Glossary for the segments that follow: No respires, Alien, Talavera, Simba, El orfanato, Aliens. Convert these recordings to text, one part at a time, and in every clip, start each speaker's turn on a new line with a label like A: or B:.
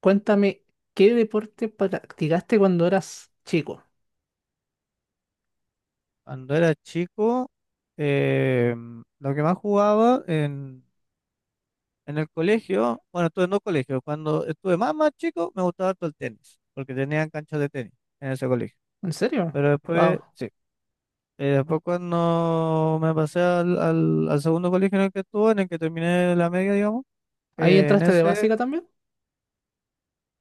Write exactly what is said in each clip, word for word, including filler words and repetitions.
A: Cuéntame, ¿qué deporte practicaste cuando eras chico?
B: Cuando era chico, eh, lo que más jugaba en, en el colegio, bueno, estuve en dos colegios. Cuando estuve más, más chico, me gustaba todo el tenis, porque tenían canchas de tenis en ese colegio.
A: ¿En serio?
B: Pero
A: Wow.
B: después, sí. Eh, después cuando me pasé al, al, al segundo colegio en el que estuve, en el que terminé la media, digamos,
A: ¿Ahí
B: eh, en
A: entraste de
B: ese
A: básica también?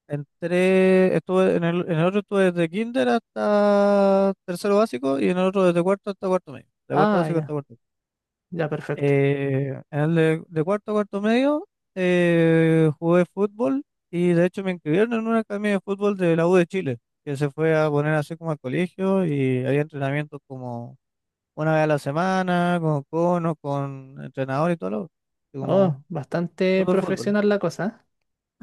B: entré, estuve en el, en el otro estuve desde kinder hasta tercero básico y en el otro desde cuarto hasta cuarto medio, de cuarto
A: Ah,
B: básico
A: ya,
B: hasta cuarto.
A: ya, perfecto.
B: Eh, en el de, de cuarto a cuarto medio, eh, jugué fútbol y de hecho me inscribieron en una academia de fútbol de la U de Chile, que se fue a poner así como al colegio y había entrenamientos como una vez a la semana, con conos, con entrenador y todo lo y como
A: Oh, bastante
B: fútbol, fútbol.
A: profesional la cosa, ¿eh?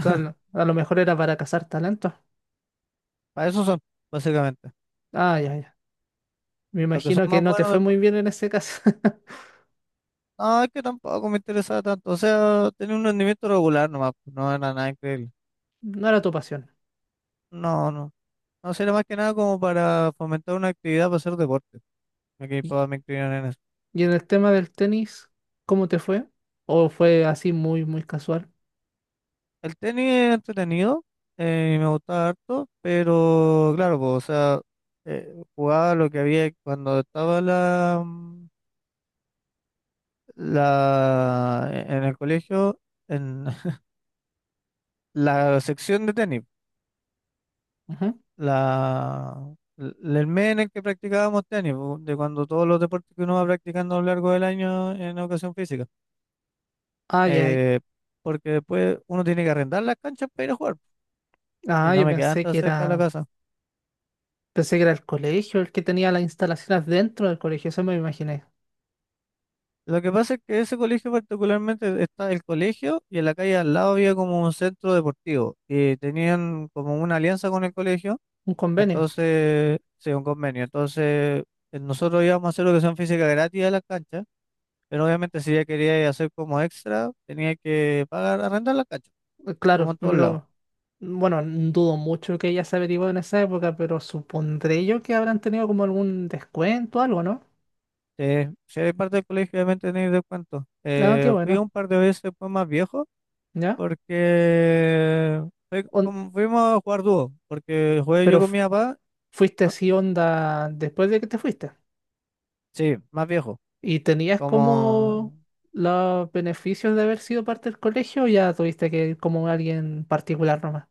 A: O sea, lo- a lo mejor era para cazar talentos.
B: Para eso son, básicamente.
A: Ah, ya, ya. Me
B: Los que son
A: imagino que
B: más
A: no te
B: buenos
A: fue muy
B: después.
A: bien en ese caso.
B: No, es que tampoco me interesaba tanto. O sea, tenía un rendimiento regular nomás, pues, no era nada increíble.
A: No era tu pasión.
B: No, no. No, sería más que nada como para fomentar una actividad para hacer deporte. Ok,
A: ¿Y,
B: puedo me inclinar en eso.
A: y en el tema del tenis, ¿cómo te fue? ¿O fue así muy, muy casual?
B: El tenis es entretenido, eh, y me gustaba harto, pero claro, pues, o sea, eh, jugaba lo que había cuando estaba la, mm, la en el colegio, en la sección de tenis,
A: Ujú.
B: la, l- el mes en el que practicábamos tenis, pu, de cuando todos los deportes que uno va practicando a lo largo del año en educación física,
A: Ah, ya. ya.
B: eh, porque después uno tiene que arrendar las canchas para ir a jugar, y
A: Ah,
B: no
A: yo
B: me quedaban
A: pensé
B: tan
A: que
B: cerca de la
A: era.
B: casa.
A: Pensé que era el colegio el que tenía las instalaciones dentro del colegio, eso me imaginé.
B: Lo que pasa es que ese colegio particularmente está el colegio y en la calle al lado había como un centro deportivo y tenían como una alianza con el colegio,
A: Un convenio.
B: entonces, sí, un convenio. Entonces, eh, nosotros íbamos a hacer educación física gratis a las canchas, pero obviamente si ya quería hacer como extra, tenía que pagar, arrendar la cancha,
A: Eh,
B: como
A: claro,
B: en todos lados.
A: pero bueno, dudo mucho que ella se averiguó en esa época, pero supondré yo que habrán tenido como algún descuento, algo, ¿no?
B: Eh, si eres parte del colegio, obviamente tenéis descuento.
A: Ah, qué
B: Eh, fui
A: bueno,
B: un par de veces después más viejo
A: ¿ya?
B: porque fue
A: On-
B: como- fuimos a jugar dúo, porque jugué
A: pero
B: yo con
A: f-
B: mi papá.
A: Fuiste
B: Ah,
A: así onda después de que te fuiste.
B: sí, más viejo.
A: ¿Y tenías como
B: Como
A: los beneficios de haber sido parte del colegio o ya tuviste que ir como alguien particular nomás?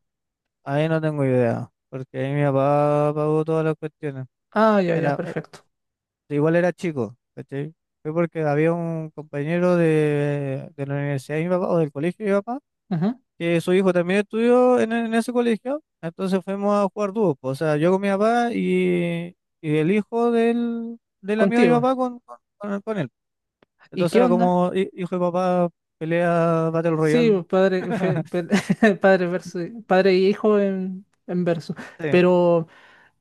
B: ahí no tengo idea, porque ahí mi papá pagó todas las cuestiones.
A: Ah, ya, ya,
B: Era, eh,
A: perfecto.
B: igual era chico, ¿cachai? Fue porque había un compañero de, de la universidad de mi papá o del colegio de mi papá,
A: Ujú.
B: que su hijo también estudió en, en ese colegio, entonces fuimos a jugar dúo. Po, o sea, yo con mi papá y, y el hijo del, del amigo de mi
A: Contigo.
B: papá con, con, con- con él.
A: ¿Y
B: Entonces
A: qué
B: era
A: onda?
B: como hi- hijo y papá pelea Battle
A: Sí,
B: Royale.
A: pues, padre, fe- pe- padre, verso, padre y hijo en, en verso.
B: Sí,
A: Pero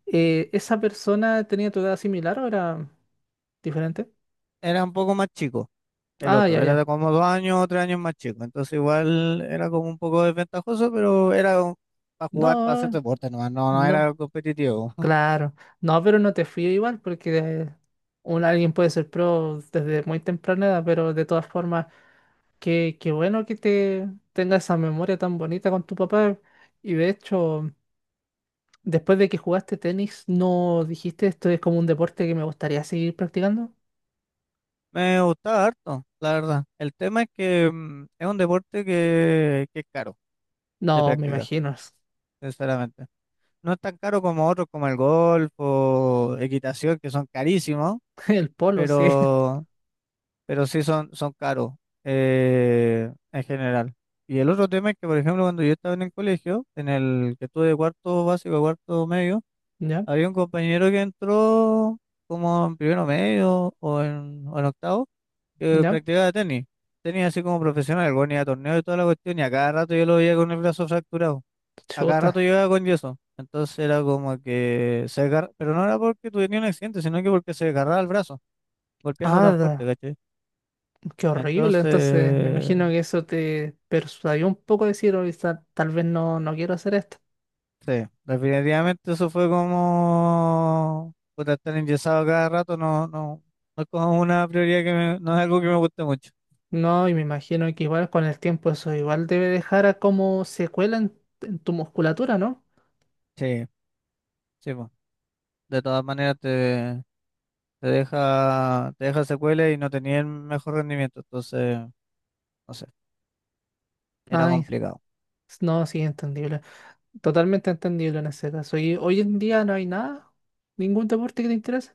A: eh, ¿esa persona tenía tu edad similar o era diferente?
B: era un poco más chico. El
A: Ah, ya,
B: otro, era de
A: ya.
B: como dos años o tres años más chico, entonces igual era como un poco desventajoso, pero era para jugar, para hacer
A: No,
B: deporte nomás, no, no era
A: no,
B: competitivo.
A: claro. No, pero no te fío igual porque un, alguien puede ser pro desde muy temprana edad, pero de todas formas, qué, qué bueno que te tengas esa memoria tan bonita con tu papá. Y de hecho, después de que jugaste tenis, ¿no dijiste esto es como un deporte que me gustaría seguir practicando?
B: Me gustaba harto, la verdad. El tema es que mm, es un deporte que, que es caro de
A: No, me
B: practicar,
A: imagino. es-
B: sinceramente. No es tan caro como otros como el golf o equitación, que son carísimos,
A: El polo, sí.
B: pero pero sí son, son caros eh, en general. Y el otro tema es que, por ejemplo, cuando yo estaba en el colegio, en el que estuve de cuarto básico a cuarto medio,
A: Ya,
B: había un compañero que entró como en primero medio o en, o en octavo, que
A: ya.
B: practicaba tenis. Tenis así como profesional, el ni a torneos y toda la cuestión, y a cada rato yo lo veía con el brazo fracturado. A cada
A: Chuta.
B: rato llegaba con yeso. Entonces era como que se agarra, pero no era porque tuviera un accidente, sino que porque se agarraba el brazo, golpeando tan fuerte,
A: Ada,
B: ¿cachai?
A: qué horrible. Entonces, me
B: Entonces,
A: imagino que eso te persuadió un poco a decir, "Oye, ta- tal vez no, no quiero hacer esto."
B: sí, definitivamente eso fue como puta, estar enyesado cada rato, no, no, no es como una prioridad que me- no es algo que me guste mucho.
A: No, y me imagino que igual con el tiempo eso igual debe dejar a como secuela en, en tu musculatura, ¿no?
B: Sí, sí, po. De todas maneras te, te deja, te deja secuelas y no tenía el mejor rendimiento, entonces, no sé, era
A: Ay,
B: complicado.
A: no, sí, entendible. Totalmente entendible en ese caso. ¿Y hoy en día no hay nada? ¿Ningún deporte que te interese?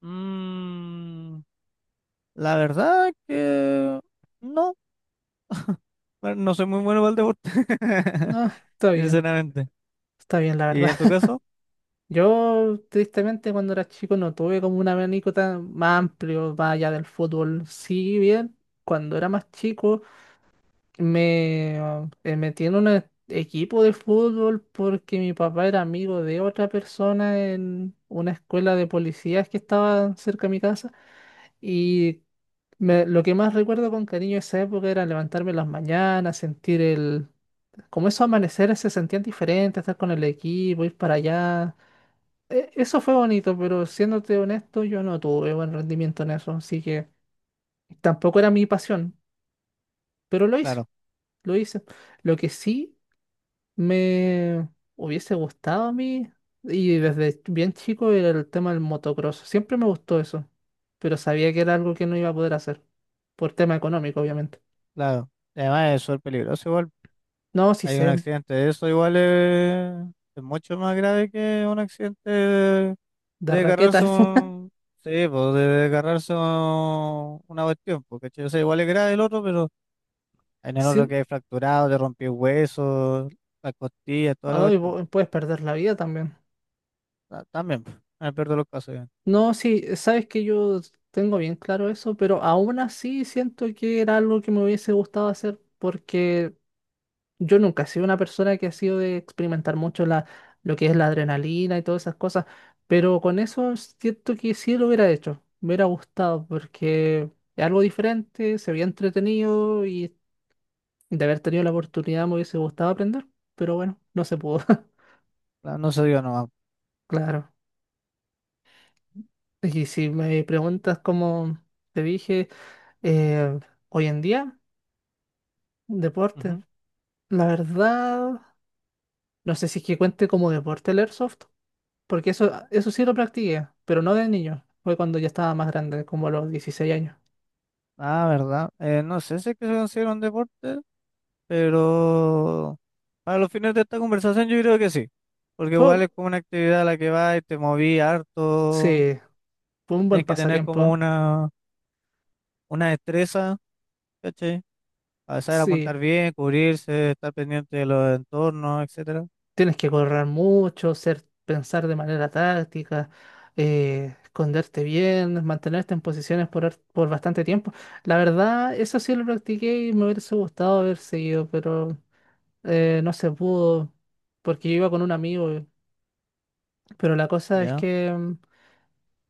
B: Mm, la verdad que no, no soy muy bueno para el deporte,
A: No, está bien.
B: sinceramente.
A: Está bien, la
B: ¿Y
A: verdad.
B: en tu caso?
A: Yo, tristemente, cuando era chico no tuve como un abanico tan más amplio, más allá del fútbol. Sí, bien, cuando era más chico me ah, eh, metí en un e- equipo de fútbol porque mi papá era amigo de otra persona en una escuela de policías que estaba cerca de mi casa. Y me- lo que más recuerdo con cariño de esa época era levantarme en las mañanas, sentir el... Como esos amaneceres se sentían diferentes, estar con el equipo, ir para allá. e- Eso fue bonito, pero siéndote honesto, yo no tuve buen rendimiento en eso, así que tampoco era mi pasión, pero lo hice,
B: Claro.
A: lo hice. Lo que sí me hubiese gustado a mí, y desde bien chico, era el tema del motocross. Siempre me gustó eso, pero sabía que era algo que no iba a poder hacer, por tema económico, obviamente.
B: Claro, y además es súper peligroso igual.
A: No, sí
B: Hay un
A: sé,
B: accidente de eso igual es, es mucho más grave que un accidente de,
A: de
B: de agarrarse
A: raquetas.
B: un. Sí, pues de agarrarse un- una cuestión, porque o sea, igual es grave el otro, pero en el otro
A: Sí,
B: que hay fracturado, te rompió huesos, las costillas, toda la
A: ay,
B: cuestión.
A: vo- puedes perder la vida también.
B: Ta- También, pues, en el peor de los casos, ya.
A: No, sí, sabes que yo tengo bien claro eso, pero aún así siento que era algo que me hubiese gustado hacer porque yo nunca he sido una persona que ha sido de experimentar mucho la, lo que es la adrenalina y todas esas cosas, pero con eso siento que sí lo hubiera hecho, me hubiera gustado porque es algo diferente, se había entretenido y de haber tenido la oportunidad me hubiese gustado aprender, pero bueno, no se pudo.
B: La- no se dio nomás.
A: Claro. Y si me preguntas como te dije... Eh, hoy en día, deporte.
B: Ujú.
A: La verdad, no sé si es que cuente como deporte el airsoft, porque eso, eso sí lo practiqué, pero no de niño. Fue cuando ya estaba más grande, como a los dieciséis años.
B: Ah, ¿verdad? Eh, no sé si es que se considera un deporte, pero. Para los fines de esta conversación yo creo que sí, porque igual
A: Fue,
B: es como una actividad a la que vas y te moví harto,
A: sí, fue un buen
B: tienes que tener como
A: pasatiempo.
B: una, una destreza, ¿cachai? A saber
A: Sí,
B: apuntar bien, cubrirse, estar pendiente de los entornos, etcétera.
A: tienes que correr mucho, ser, pensar de manera táctica, eh, esconderte bien, mantenerte en posiciones por, har- por bastante tiempo. La verdad, eso sí lo practiqué y me hubiese gustado haber seguido, pero eh, no se pudo porque yo iba con un amigo, eh. Pero la cosa es
B: ¿Ya?
A: que mm,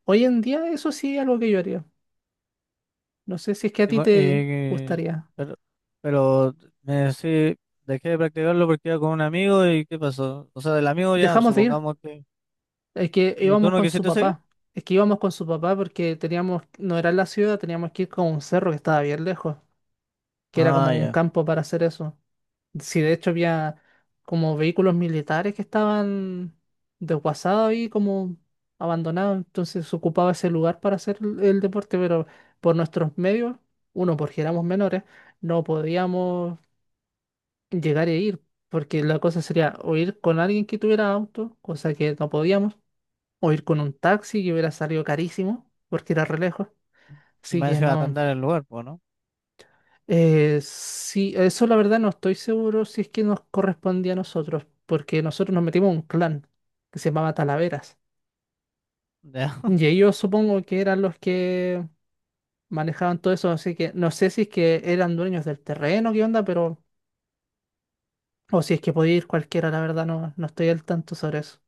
A: hoy en día eso sí es algo que yo haría. No sé si es que a
B: Y
A: ti
B: mo-
A: te
B: y-
A: gustaría.
B: pero, pero me decí, dejé de practicarlo porque iba con un amigo y ¿qué pasó? O sea, el amigo ya,
A: Dejamos de ir,
B: supongamos que.
A: es que
B: ¿Y tú
A: íbamos
B: no
A: con su
B: quisiste seguir?
A: papá. Es que íbamos con su papá porque teníamos, no era en la ciudad, teníamos que ir con un cerro que estaba bien lejos, que era
B: Ah,
A: como un
B: ya.
A: campo para hacer eso. Sí, de hecho había como vehículos militares que estaban desguazados y como abandonados, entonces se ocupaba ese lugar para hacer el, el deporte, pero por nuestros medios, uno, porque éramos menores, no podíamos llegar e ir, porque la cosa sería o ir con alguien que tuviera auto, cosa que no podíamos, o ir con un taxi que hubiera salido carísimo, porque era re lejos,
B: Y
A: así
B: me a
A: que no.
B: arrendar el lugar, pues, ¿no?
A: Eh, sí, eso la verdad no estoy seguro si es que nos correspondía a nosotros, porque nosotros nos metimos a un clan que se llamaba Talaveras.
B: Ya.
A: Y ellos supongo que eran los que manejaban todo eso, así que no sé si es que eran dueños del terreno, qué onda, pero... O si es que podía ir cualquiera, la verdad no, no estoy al tanto sobre eso.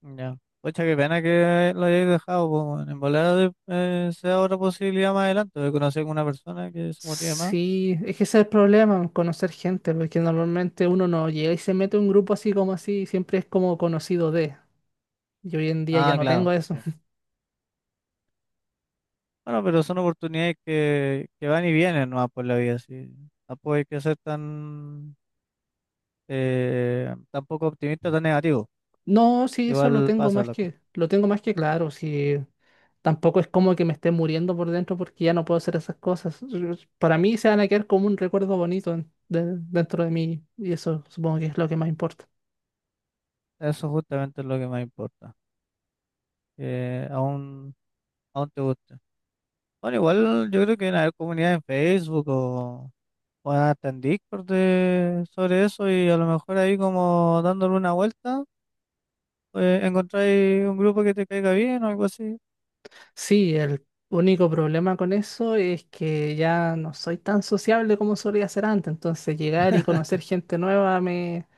B: Ya. Pucha, qué pena que lo hayáis dejado, po, weón. En volada de- eh, sea otra posibilidad más adelante de conocer con una persona que se motive más.
A: Sí, es que ese es el problema, conocer gente, porque normalmente uno no llega y se mete a un grupo así como así, siempre es como conocido de. Y hoy en día ya
B: Ah,
A: no
B: claro,
A: tengo eso.
B: sí. Bueno, pero son oportunidades que, que van y vienen nomás por la vida, sí. Tampoco hay que ser tan, eh, tan poco optimista, tan negativo.
A: No, sí, eso lo
B: Igual
A: tengo
B: pasa
A: más
B: la cosa.
A: que, lo tengo más que claro. Sí, tampoco es como que me esté muriendo por dentro porque ya no puedo hacer esas cosas. Para mí se van a quedar como un recuerdo bonito en- de- dentro de mí y eso supongo que es lo que más importa.
B: Eso justamente es lo que más importa. Que aún, aún te guste. Bueno, igual yo creo que en haber comunidad en Facebook o bueno, hasta en Discord de- sobre eso y a lo mejor ahí como dándole una vuelta, pues encontráis un grupo que te caiga bien o algo así.
A: Sí, el único problema con eso es que ya no soy tan sociable como solía ser antes, entonces llegar y conocer gente nueva me,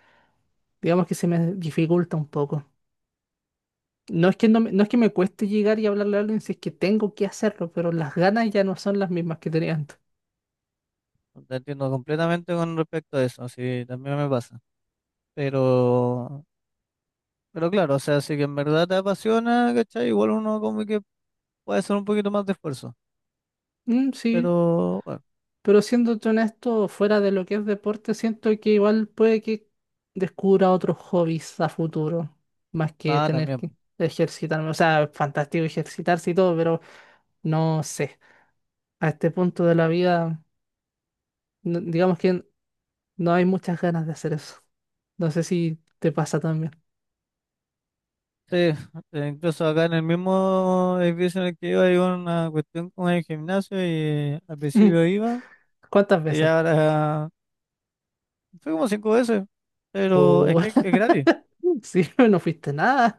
A: digamos que se me dificulta un poco. No es que no, me- no es que me cueste llegar y hablarle a alguien si es que tengo que hacerlo, pero las ganas ya no son las mismas que tenía antes.
B: No te entiendo completamente con respecto a eso, sí, también me pasa. Pero, pero claro, o sea, si que en verdad te apasiona, ¿cachai? Igual uno como que puede hacer un poquito más de esfuerzo.
A: Mm, sí,
B: Pero, bueno,
A: pero siéndote honesto, fuera de lo que es deporte, siento que igual puede que descubra otros hobbies a futuro, más que
B: nada,
A: tener
B: también,
A: que
B: po.
A: ejercitarme. O sea, fantástico ejercitarse y todo, pero no sé. A este punto de la vida, no- digamos que no hay muchas ganas de hacer eso. No sé si te pasa también.
B: Sí, eh, incluso acá en el mismo edificio en el que iba hay una cuestión con el gimnasio y al principio iba,
A: ¿Cuántas
B: y
A: veces?
B: ahora fui como cinco veces, pero es
A: Pues
B: que es gratis.
A: sí, no fuiste nada.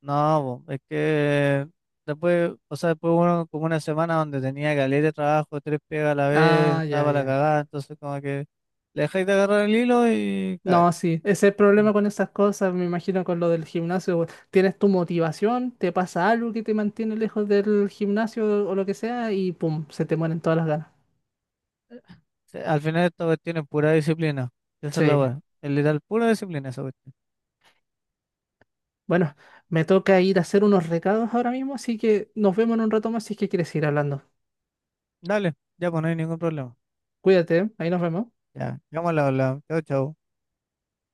B: No, po, es que después, o sea, después uno como una semana donde tenía caleta de trabajo, tres pegas a la vez,
A: Ah, ya,
B: estaba para la
A: ya.
B: cagada, entonces como que le dejáis de agarrar el hilo y cagáis.
A: No, sí, ese es el
B: Mm.
A: problema con esas cosas, me imagino con lo del gimnasio. we- Tienes tu motivación, te pasa algo que te mantiene lejos del gimnasio o lo que sea y pum, se te mueren todas las ganas.
B: Sí, al final esta cuestión es pura disciplina. Esa es la
A: Sí.
B: weá. Es literal pura disciplina esa cuestión.
A: Bueno, me toca ir a hacer unos recados ahora mismo, así que nos vemos en un rato más si es que quieres ir hablando.
B: Dale, ya pues no hay ningún problema.
A: Cuídate, ¿eh? Ahí nos vemos.
B: Ya, llámala, la. Chao, chao.